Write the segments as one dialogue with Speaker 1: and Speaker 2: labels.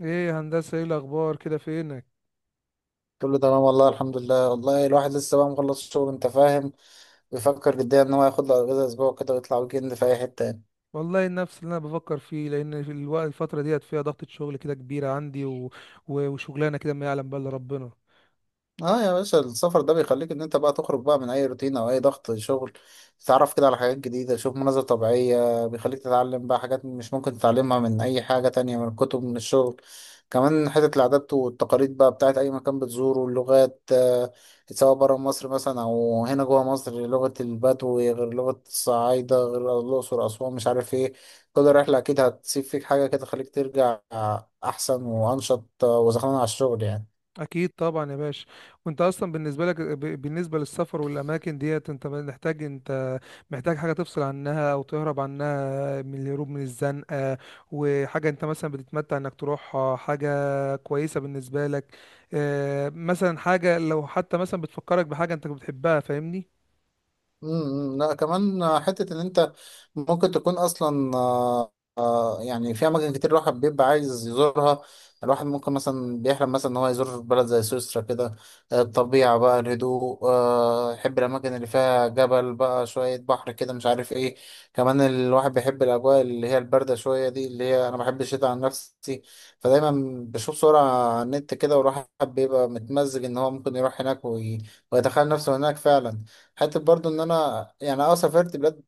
Speaker 1: ايه يا هندسة، ايه الاخبار كده؟ فينك؟
Speaker 2: كله تمام والله الحمد لله. والله الواحد لسه بقى مخلص شغل، انت فاهم، بيفكر جديا ان هو ياخد له اجازه اسبوع كده ويطلع ويكند في اي حته يعني.
Speaker 1: والله نفس اللي انا بفكر فيه، لان في الوقت الفترة ديت فيها ضغطة شغل كده كبيرة عندي و... و... وشغلانة كده ما يعلم بها الا ربنا.
Speaker 2: اه يا باشا، السفر ده بيخليك ان انت بقى تخرج بقى من اي روتين او اي ضغط شغل، تتعرف كده على حاجات جديدة، تشوف مناظر طبيعية، بيخليك تتعلم بقى حاجات مش ممكن تتعلمها من اي حاجة تانية، من الكتب، من الشغل. كمان حتة العادات والتقاليد بقى بتاعت اي مكان بتزوره، اللغات سواء برا مصر مثلا او هنا جوا مصر، لغة البدو غير لغة الصعايدة غير الاقصر اسوان مش عارف ايه. كل رحلة اكيد هتسيب فيك حاجة كده تخليك ترجع احسن وانشط، وزخمان على الشغل يعني.
Speaker 1: اكيد طبعا يا باشا. وانت اصلا بالنسبة لك، بالنسبة للسفر والاماكن ديت، انت محتاج، انت محتاج حاجة تفصل عنها او تهرب عنها، من الهروب من الزنقة، وحاجة انت مثلا بتتمتع انك تروحها، حاجة كويسة بالنسبة لك؟ مثلا حاجة لو حتى مثلا بتفكرك بحاجة انت بتحبها، فاهمني؟
Speaker 2: لا، كمان حتة إن أنت ممكن تكون أصلا يعني في أماكن كتير الواحد بيبقى عايز يزورها. الواحد ممكن مثلا بيحلم مثلا إن هو يزور بلد زي سويسرا كده، الطبيعة بقى، الهدوء، يحب الأماكن اللي فيها جبل بقى شوية بحر كده مش عارف إيه. كمان الواحد بيحب الأجواء اللي هي الباردة شوية دي، اللي هي أنا بحب الشتاء عن نفسي. فدايما بشوف صورة على النت كده والواحد بيبقى متمزج إن هو ممكن يروح هناك ويتخيل نفسه هناك فعلا. حتى برضو ان انا يعني اه سافرت بلاد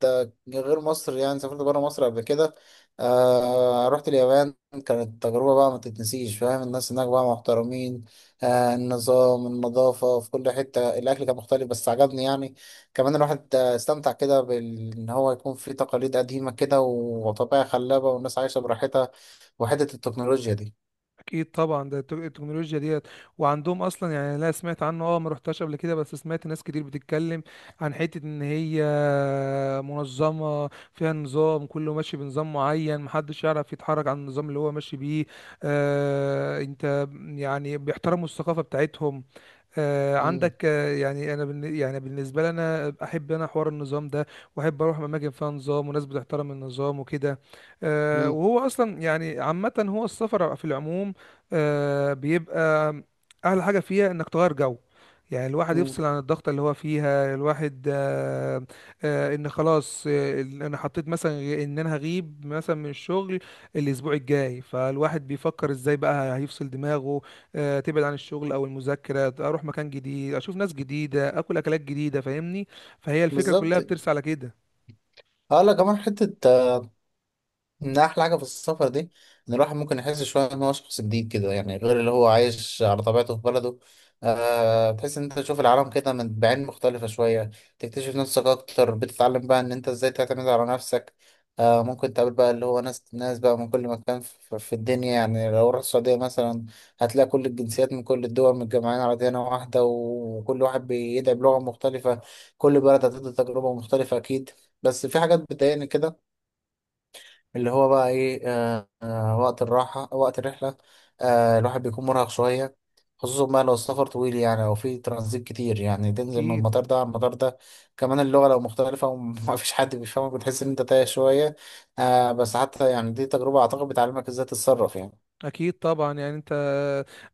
Speaker 2: غير مصر، يعني سافرت بره مصر قبل كده. آه، رحت اليابان. كانت تجربة بقى ما تتنسيش، فاهم، الناس هناك بقى محترمين، آه، النظام، النظافة في كل حتة، الأكل كان مختلف بس عجبني يعني. كمان الواحد استمتع كده إن هو يكون في تقاليد قديمة كده، وطبيعة خلابة، والناس عايشة براحتها، وحتة التكنولوجيا دي.
Speaker 1: اكيد طبعا. ده التكنولوجيا ديت وعندهم اصلا. يعني لا، سمعت عنه، اه، ما رحتش قبل كده، بس سمعت ناس كتير بتتكلم عن حته ان هي منظمه، فيها نظام كله ماشي بنظام معين، محدش يعرف يتحرك عن النظام اللي هو ماشي بيه. آه، انت يعني بيحترموا الثقافه بتاعتهم.
Speaker 2: مم،
Speaker 1: عندك، يعني انا يعني بالنسبه لي انا احب انا حوار النظام ده، واحب اروح اماكن فيها نظام وناس بتحترم النظام وكده.
Speaker 2: مم،
Speaker 1: وهو اصلا يعني عامه هو السفر في العموم بيبقى احلى حاجه فيها انك تغير جو. يعني الواحد
Speaker 2: مم.
Speaker 1: يفصل عن الضغط اللي هو فيها الواحد. ان خلاص، انا حطيت مثلا ان انا هغيب مثلا من الشغل الاسبوع الجاي، فالواحد بيفكر ازاي بقى هيفصل دماغه، تبعد عن الشغل او المذاكره، اروح مكان جديد، اشوف ناس جديده، اكل اكلات جديده، فاهمني؟ فهي الفكره كلها
Speaker 2: بالظبط.
Speaker 1: بترسى على كده.
Speaker 2: اه لا، كمان حتة إن أحلى حاجة في السفر دي إن الواحد ممكن يحس شوية إن هو شخص جديد كده، يعني غير اللي هو عايش على طبيعته في بلده. أه تحس إن أنت تشوف العالم كده من بعين مختلفة شوية، تكتشف نفسك أكتر، بتتعلم بقى إن أنت إزاي تعتمد على نفسك. أه ممكن تقابل بقى اللي هو ناس ناس بقى من كل مكان في الدنيا. يعني لو رحت السعودية مثلا هتلاقي كل الجنسيات من كل الدول متجمعين على ديانة واحدة وكل واحد بيدعي بلغة مختلفة. كل بلد هتدي تجربة مختلفة أكيد. بس في حاجات بتضايقني كده، اللي هو بقى ايه، وقت الراحة، وقت الرحلة، آه، الواحد بيكون مرهق شوية، خصوصا بقى لو السفر طويل يعني او في ترانزيت كتير، يعني تنزل من
Speaker 1: اكيد.
Speaker 2: المطار ده على المطار ده. كمان اللغة لو مختلفة وما فيش حد بيفهمك بتحس ان انت تايه شوية. آه، بس حتى يعني دي تجربة اعتقد بتعلمك ازاي تتصرف يعني.
Speaker 1: اكيد طبعا. يعني انت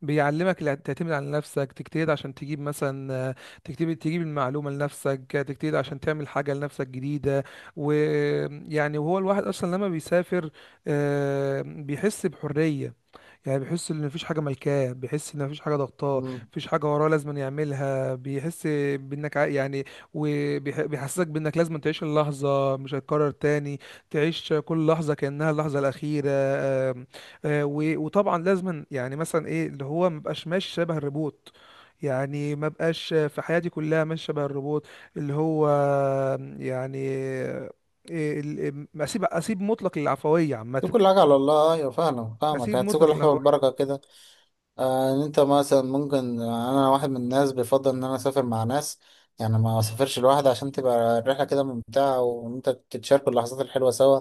Speaker 1: بيعلمك تعتمد على نفسك، تجتهد عشان تجيب مثلا، تجتهد تجيب المعلومه لنفسك، تجتهد عشان تعمل حاجه لنفسك جديده. ويعني وهو الواحد اصلا لما بيسافر بيحس بحريه. يعني بيحس ان مفيش حاجه ملكاه، بيحس ان مفيش حاجه ضغطاه،
Speaker 2: مم.
Speaker 1: مفيش حاجه وراه لازم يعملها، بيحس بانك يعني، وبيحسسك بانك لازم تعيش اللحظه، مش هتكرر تاني، تعيش كل لحظه كانها اللحظه الاخيره. آم، آه، و- وطبعا لازم، يعني مثلا ايه، اللي هو مبقاش ماشي شبه الروبوت. يعني ما بقاش في حياتي كلها ماشي شبه الروبوت، اللي هو يعني، اسيب مطلق للعفويه عامه،
Speaker 2: دي كل حاجة على الله. ايوه فاهمك فاهمك،
Speaker 1: اسيب
Speaker 2: هتسيب
Speaker 1: مطلق
Speaker 2: كل حاجة
Speaker 1: العفويه.
Speaker 2: بالبركة كده. ان انت مثلا ممكن، انا واحد من الناس بيفضل ان انا اسافر مع ناس، يعني ما اسافرش لوحدي، عشان تبقى الرحله كده ممتعه وان انت تتشاركوا اللحظات الحلوه سوا.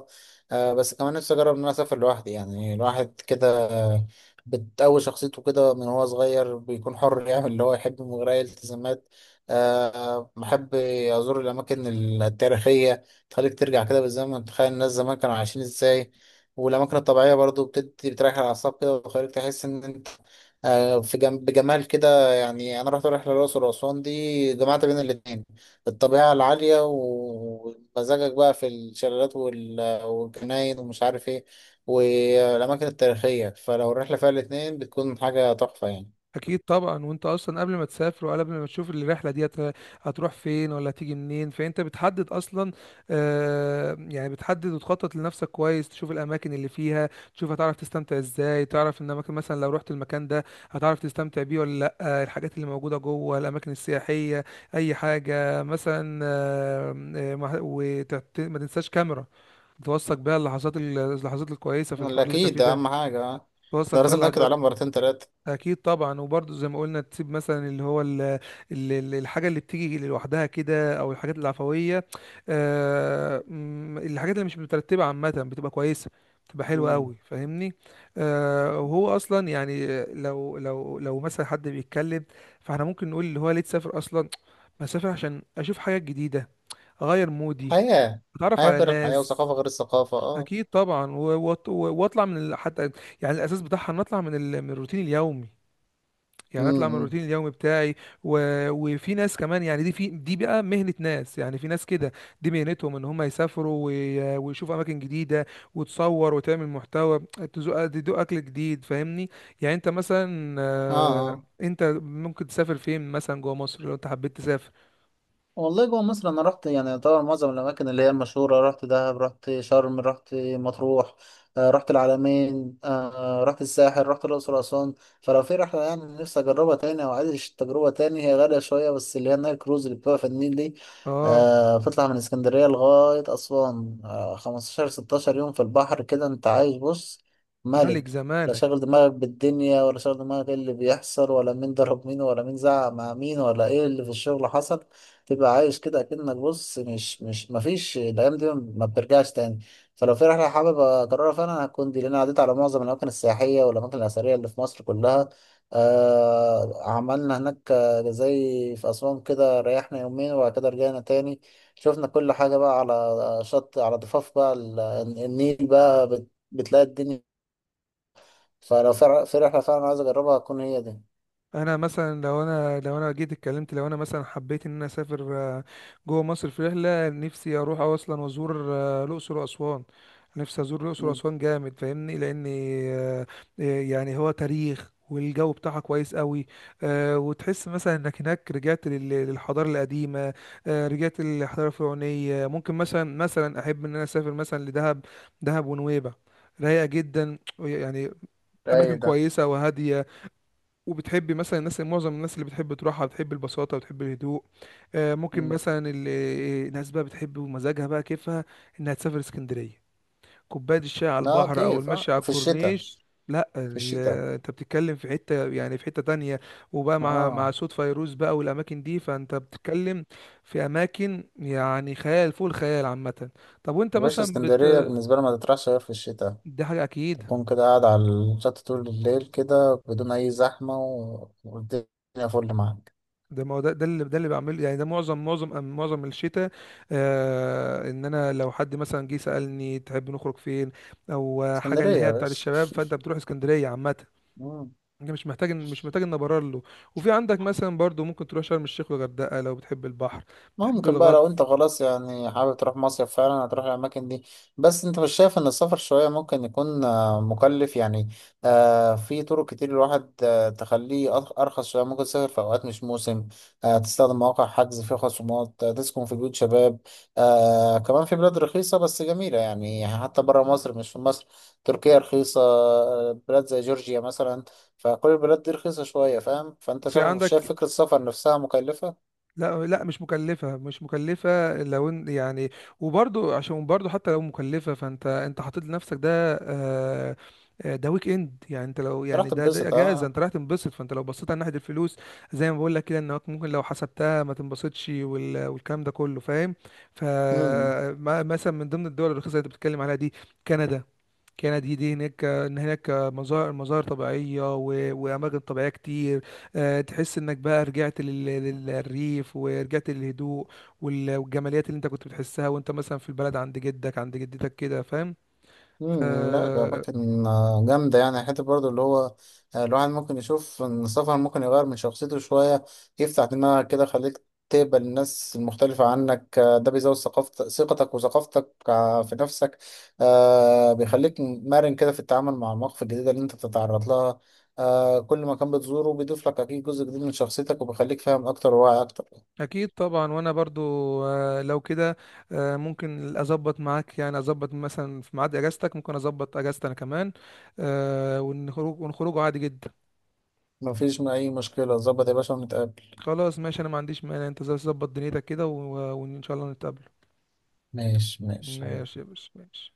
Speaker 2: آه، بس كمان نفسي اجرب ان انا اسافر لوحدي، يعني الواحد كده آه، بتقوي شخصيته كده من هو صغير، بيكون حر يعمل اللي هو يحبه من غير اي التزامات. آه، بحب ازور الاماكن التاريخيه، تخليك ترجع كده بالزمن، تخيل الناس زمان كانوا عايشين ازاي. والاماكن الطبيعيه برضو بتدي بتريح الاعصاب كده وتخليك تحس ان انت آه، في بجمال كده يعني. انا رحت رحله الاقصر واسوان دي، جمعت بين الاتنين، الطبيعه العاليه ومزاجك بقى في الشلالات والجناين ومش عارف ايه، والاماكن التاريخيه. فلو الرحله فيها الاتنين بتكون حاجه تحفه يعني.
Speaker 1: اكيد طبعا. وانت اصلا قبل ما تسافر وقبل ما تشوف الرحله دي، هتروح فين ولا هتيجي منين، فانت بتحدد اصلا؟ آه، يعني بتحدد وتخطط لنفسك كويس، تشوف الاماكن اللي فيها، تشوف هتعرف تستمتع ازاي، تعرف ان اماكن مثلا لو رحت المكان ده هتعرف تستمتع بيه ولا لا، الحاجات اللي موجوده جوه الاماكن السياحيه، اي حاجه مثلا. ما تنساش كاميرا توثق بيها اللحظات، اللحظات الكويسه في
Speaker 2: لا
Speaker 1: الحوار اللي انت
Speaker 2: اكيد،
Speaker 1: فيه
Speaker 2: ده
Speaker 1: ده،
Speaker 2: اهم حاجه آه.
Speaker 1: توثق
Speaker 2: ده
Speaker 1: فيها
Speaker 2: لازم ناكد
Speaker 1: اللحظات.
Speaker 2: عليها مرتين تلاته.
Speaker 1: اكيد طبعا. وبرضه زي ما قلنا تسيب مثلا اللي هو الحاجه اللي بتيجي لوحدها كده، او الحاجات العفويه. آه، م، الحاجات اللي مش مترتبه عامه بتبقى كويسه، بتبقى حلوه
Speaker 2: مم.
Speaker 1: قوي، فاهمني؟ وهو اصلا يعني لو مثلا حد بيتكلم، فاحنا ممكن نقول اللي هو ليه تسافر اصلا؟ بسافر عشان اشوف حاجات جديده، اغير مودي،
Speaker 2: حياه،
Speaker 1: اتعرف
Speaker 2: حياه
Speaker 1: على
Speaker 2: غير الحياه،
Speaker 1: ناس.
Speaker 2: وثقافه غير الثقافه اه.
Speaker 1: اكيد طبعا. و- وأط- واطلع حتى يعني الاساس بتاعها ان اطلع من الروتين اليومي. يعني اطلع من
Speaker 2: امم.
Speaker 1: الروتين اليومي بتاعي. و... وفي ناس كمان، يعني دي، في دي بقى مهنة ناس، يعني في ناس كده دي مهنتهم ان هم يسافروا وي... ويشوفوا اماكن جديدة، وتصور وتعمل محتوى، تدوق اكل جديد، فاهمني؟ يعني انت مثلا
Speaker 2: اه آه.
Speaker 1: انت ممكن تسافر فين مثلا جوه مصر لو انت حبيت تسافر؟
Speaker 2: والله جوه مصر انا رحت يعني طبعا معظم الاماكن اللي هي المشهوره، رحت دهب، رحت شرم، رحت مطروح، رحت العلمين، رحت الساحل، رحت الاقصر اسوان. فلو في رحله يعني نفسي اجربها تاني او عايز تجربه تاني، هي غاليه شويه بس، اللي هي النايل كروز اللي بتبقى في النيل دي.
Speaker 1: اه.
Speaker 2: آه، بتطلع من اسكندريه لغايه اسوان، آه، 15 16 يوم في البحر كده انت عايش، بص،
Speaker 1: ملك
Speaker 2: ملك. لا
Speaker 1: زمان.
Speaker 2: شاغل دماغك بالدنيا ولا شاغل دماغك ايه اللي بيحصل ولا مين ضرب مين ولا مين زعق مع مين ولا ايه اللي في الشغل حصل. تبقى عايش كده اكنك، بص، مش مفيش، الايام دي ما بترجعش تاني. فلو في رحله حابب اكررها فانا هتكون دي، لان أنا عديت على معظم الاماكن السياحيه والاماكن الاثريه اللي في مصر كلها. آه عملنا هناك زي في اسوان كده، ريحنا يومين وبعد كده رجعنا تاني، شفنا كل حاجه بقى على شط، على ضفاف بقى النيل بقى بتلاقي الدنيا. فلو في رحله فعلا عايز اجربها هتكون هي دي.
Speaker 1: انا مثلا لو انا جيت اتكلمت، لو انا مثلا حبيت ان انا اسافر جوه مصر في رحله، نفسي اروح اصلا وازور الاقصر واسوان. نفسي ازور الاقصر
Speaker 2: مم.
Speaker 1: واسوان جامد، فاهمني؟ لاني آه، يعني هو تاريخ والجو بتاعها كويس قوي. أه، وتحس مثلا انك هناك رجعت للحضاره القديمه، أه، رجعت للحضاره الفرعونيه. ممكن مثلا، مثلا احب ان انا اسافر مثلا لدهب. دهب ونويبع رايقه جدا يعني،
Speaker 2: رايق
Speaker 1: اماكن
Speaker 2: ده.
Speaker 1: كويسه وهاديه، وبتحبي مثلا الناس، معظم الناس اللي بتحب تروحها بتحب البساطة، بتحب الهدوء. ممكن
Speaker 2: مم.
Speaker 1: مثلا الناس بقى بتحب ومزاجها بقى كيفها انها تسافر اسكندرية، كوباية الشاي على
Speaker 2: اه
Speaker 1: البحر او
Speaker 2: كيف،
Speaker 1: المشي
Speaker 2: اه
Speaker 1: على
Speaker 2: في الشتاء،
Speaker 1: الكورنيش. لا،
Speaker 2: في الشتاء.
Speaker 1: انت بتتكلم في حتة، يعني في حتة تانية، وبقى مع
Speaker 2: اه
Speaker 1: صوت فيروز بقى والاماكن دي. فانت بتتكلم في اماكن يعني خيال فوق الخيال عامة. طب وانت
Speaker 2: يا باشا،
Speaker 1: مثلا
Speaker 2: اسكندرية بالنسبة لي ما تطرحش غير في الشتاء،
Speaker 1: دي حاجة اكيد.
Speaker 2: تكون كده قاعد على الشط طول الليل كده بدون أي زحمة، والدنيا فل معاك.
Speaker 1: ده ما هو ده، ده اللي، ده اللي بعمله، يعني ده معظم معظم الشتاء. آه، ان انا لو حد مثلا جه سألني تحب نخرج فين، او حاجه
Speaker 2: اسكندرية
Speaker 1: اللي
Speaker 2: يا
Speaker 1: هي بتاعت
Speaker 2: باشا.
Speaker 1: الشباب، فانت بتروح اسكندريه عامه. انت مش محتاج ان ابرر له. وفي عندك مثلا برضو ممكن تروح شرم الشيخ والغردقه لو بتحب البحر، بتحب
Speaker 2: ممكن بقى لو
Speaker 1: الغطس.
Speaker 2: انت خلاص يعني حابب تروح مصيف فعلا هتروح الاماكن دي. بس انت مش شايف ان السفر شوية ممكن يكون آه، مكلف يعني؟ آه، في طرق كتير الواحد آه، تخليه ارخص شوية. ممكن تسافر في اوقات مش موسم، آه، تستخدم مواقع حجز فيها خصومات، آه، تسكن في بيوت شباب. آه، كمان في بلاد رخيصة بس جميلة، يعني حتى برا مصر مش في مصر. تركيا رخيصة، آه، بلاد زي جورجيا مثلا. فكل البلاد دي رخيصة شوية، فاهم، فانت
Speaker 1: وفي
Speaker 2: شايف، شايف
Speaker 1: عندك،
Speaker 2: فكرة السفر نفسها مكلفة؟
Speaker 1: لا لا، مش مكلفة، لو يعني. وبرضو عشان برضو حتى لو مكلفة، فانت انت حاطط لنفسك ده، آه، ده ويك اند. يعني انت لو،
Speaker 2: راح
Speaker 1: يعني ده، ده
Speaker 2: تتبسط
Speaker 1: اجازة،
Speaker 2: اه.
Speaker 1: انت رايح تنبسط، فانت لو بصيت على ناحية الفلوس زي ما بقول لك كده، انك ممكن لو حسبتها ما تنبسطش، وال- والكلام ده كله، فاهم؟
Speaker 2: مم.
Speaker 1: فمثلا من ضمن الدول الرخيصة اللي انت بتتكلم عليها دي كندا. كانت دي هناك ان هناك مظاهر، طبيعيه و... واماكن طبيعيه كتير. تحس انك بقى رجعت للريف، ورجعت للهدوء، وال... والجماليات اللي انت كنت بتحسها وانت مثلا في البلد عند جدك عند جدتك كده، فاهم؟
Speaker 2: مم. لا،
Speaker 1: آه،
Speaker 2: أماكن آه، جامدة يعني. حتى برضو اللي هو آه، الواحد ممكن يشوف إن السفر ممكن يغير من شخصيته شوية، يفتح دماغك كده، خليك تقبل الناس المختلفة عنك. آه، ده بيزود ثقتك وثقافتك آه، في نفسك. آه، بيخليك مرن كده في التعامل مع المواقف الجديدة اللي أنت بتتعرض لها. آه، كل مكان بتزوره بيضيف لك أكيد جزء جديد من شخصيتك، وبيخليك فاهم أكتر وواعي أكتر.
Speaker 1: اكيد طبعا. وانا برضو لو كده ممكن اظبط معاك، يعني اظبط مثلا في ميعاد اجازتك، ممكن اظبط اجازتي انا كمان ونخرج، عادي جدا.
Speaker 2: مفيش أي مشكلة، ظبط يا باشا ونتقابل.
Speaker 1: خلاص ماشي، انا ما عنديش مانع، انت ظبط دنيتك كده و... وان شاء الله نتقابل.
Speaker 2: ماشي ماشي
Speaker 1: ماشي يا
Speaker 2: حبيبي.
Speaker 1: باشا، ماشي.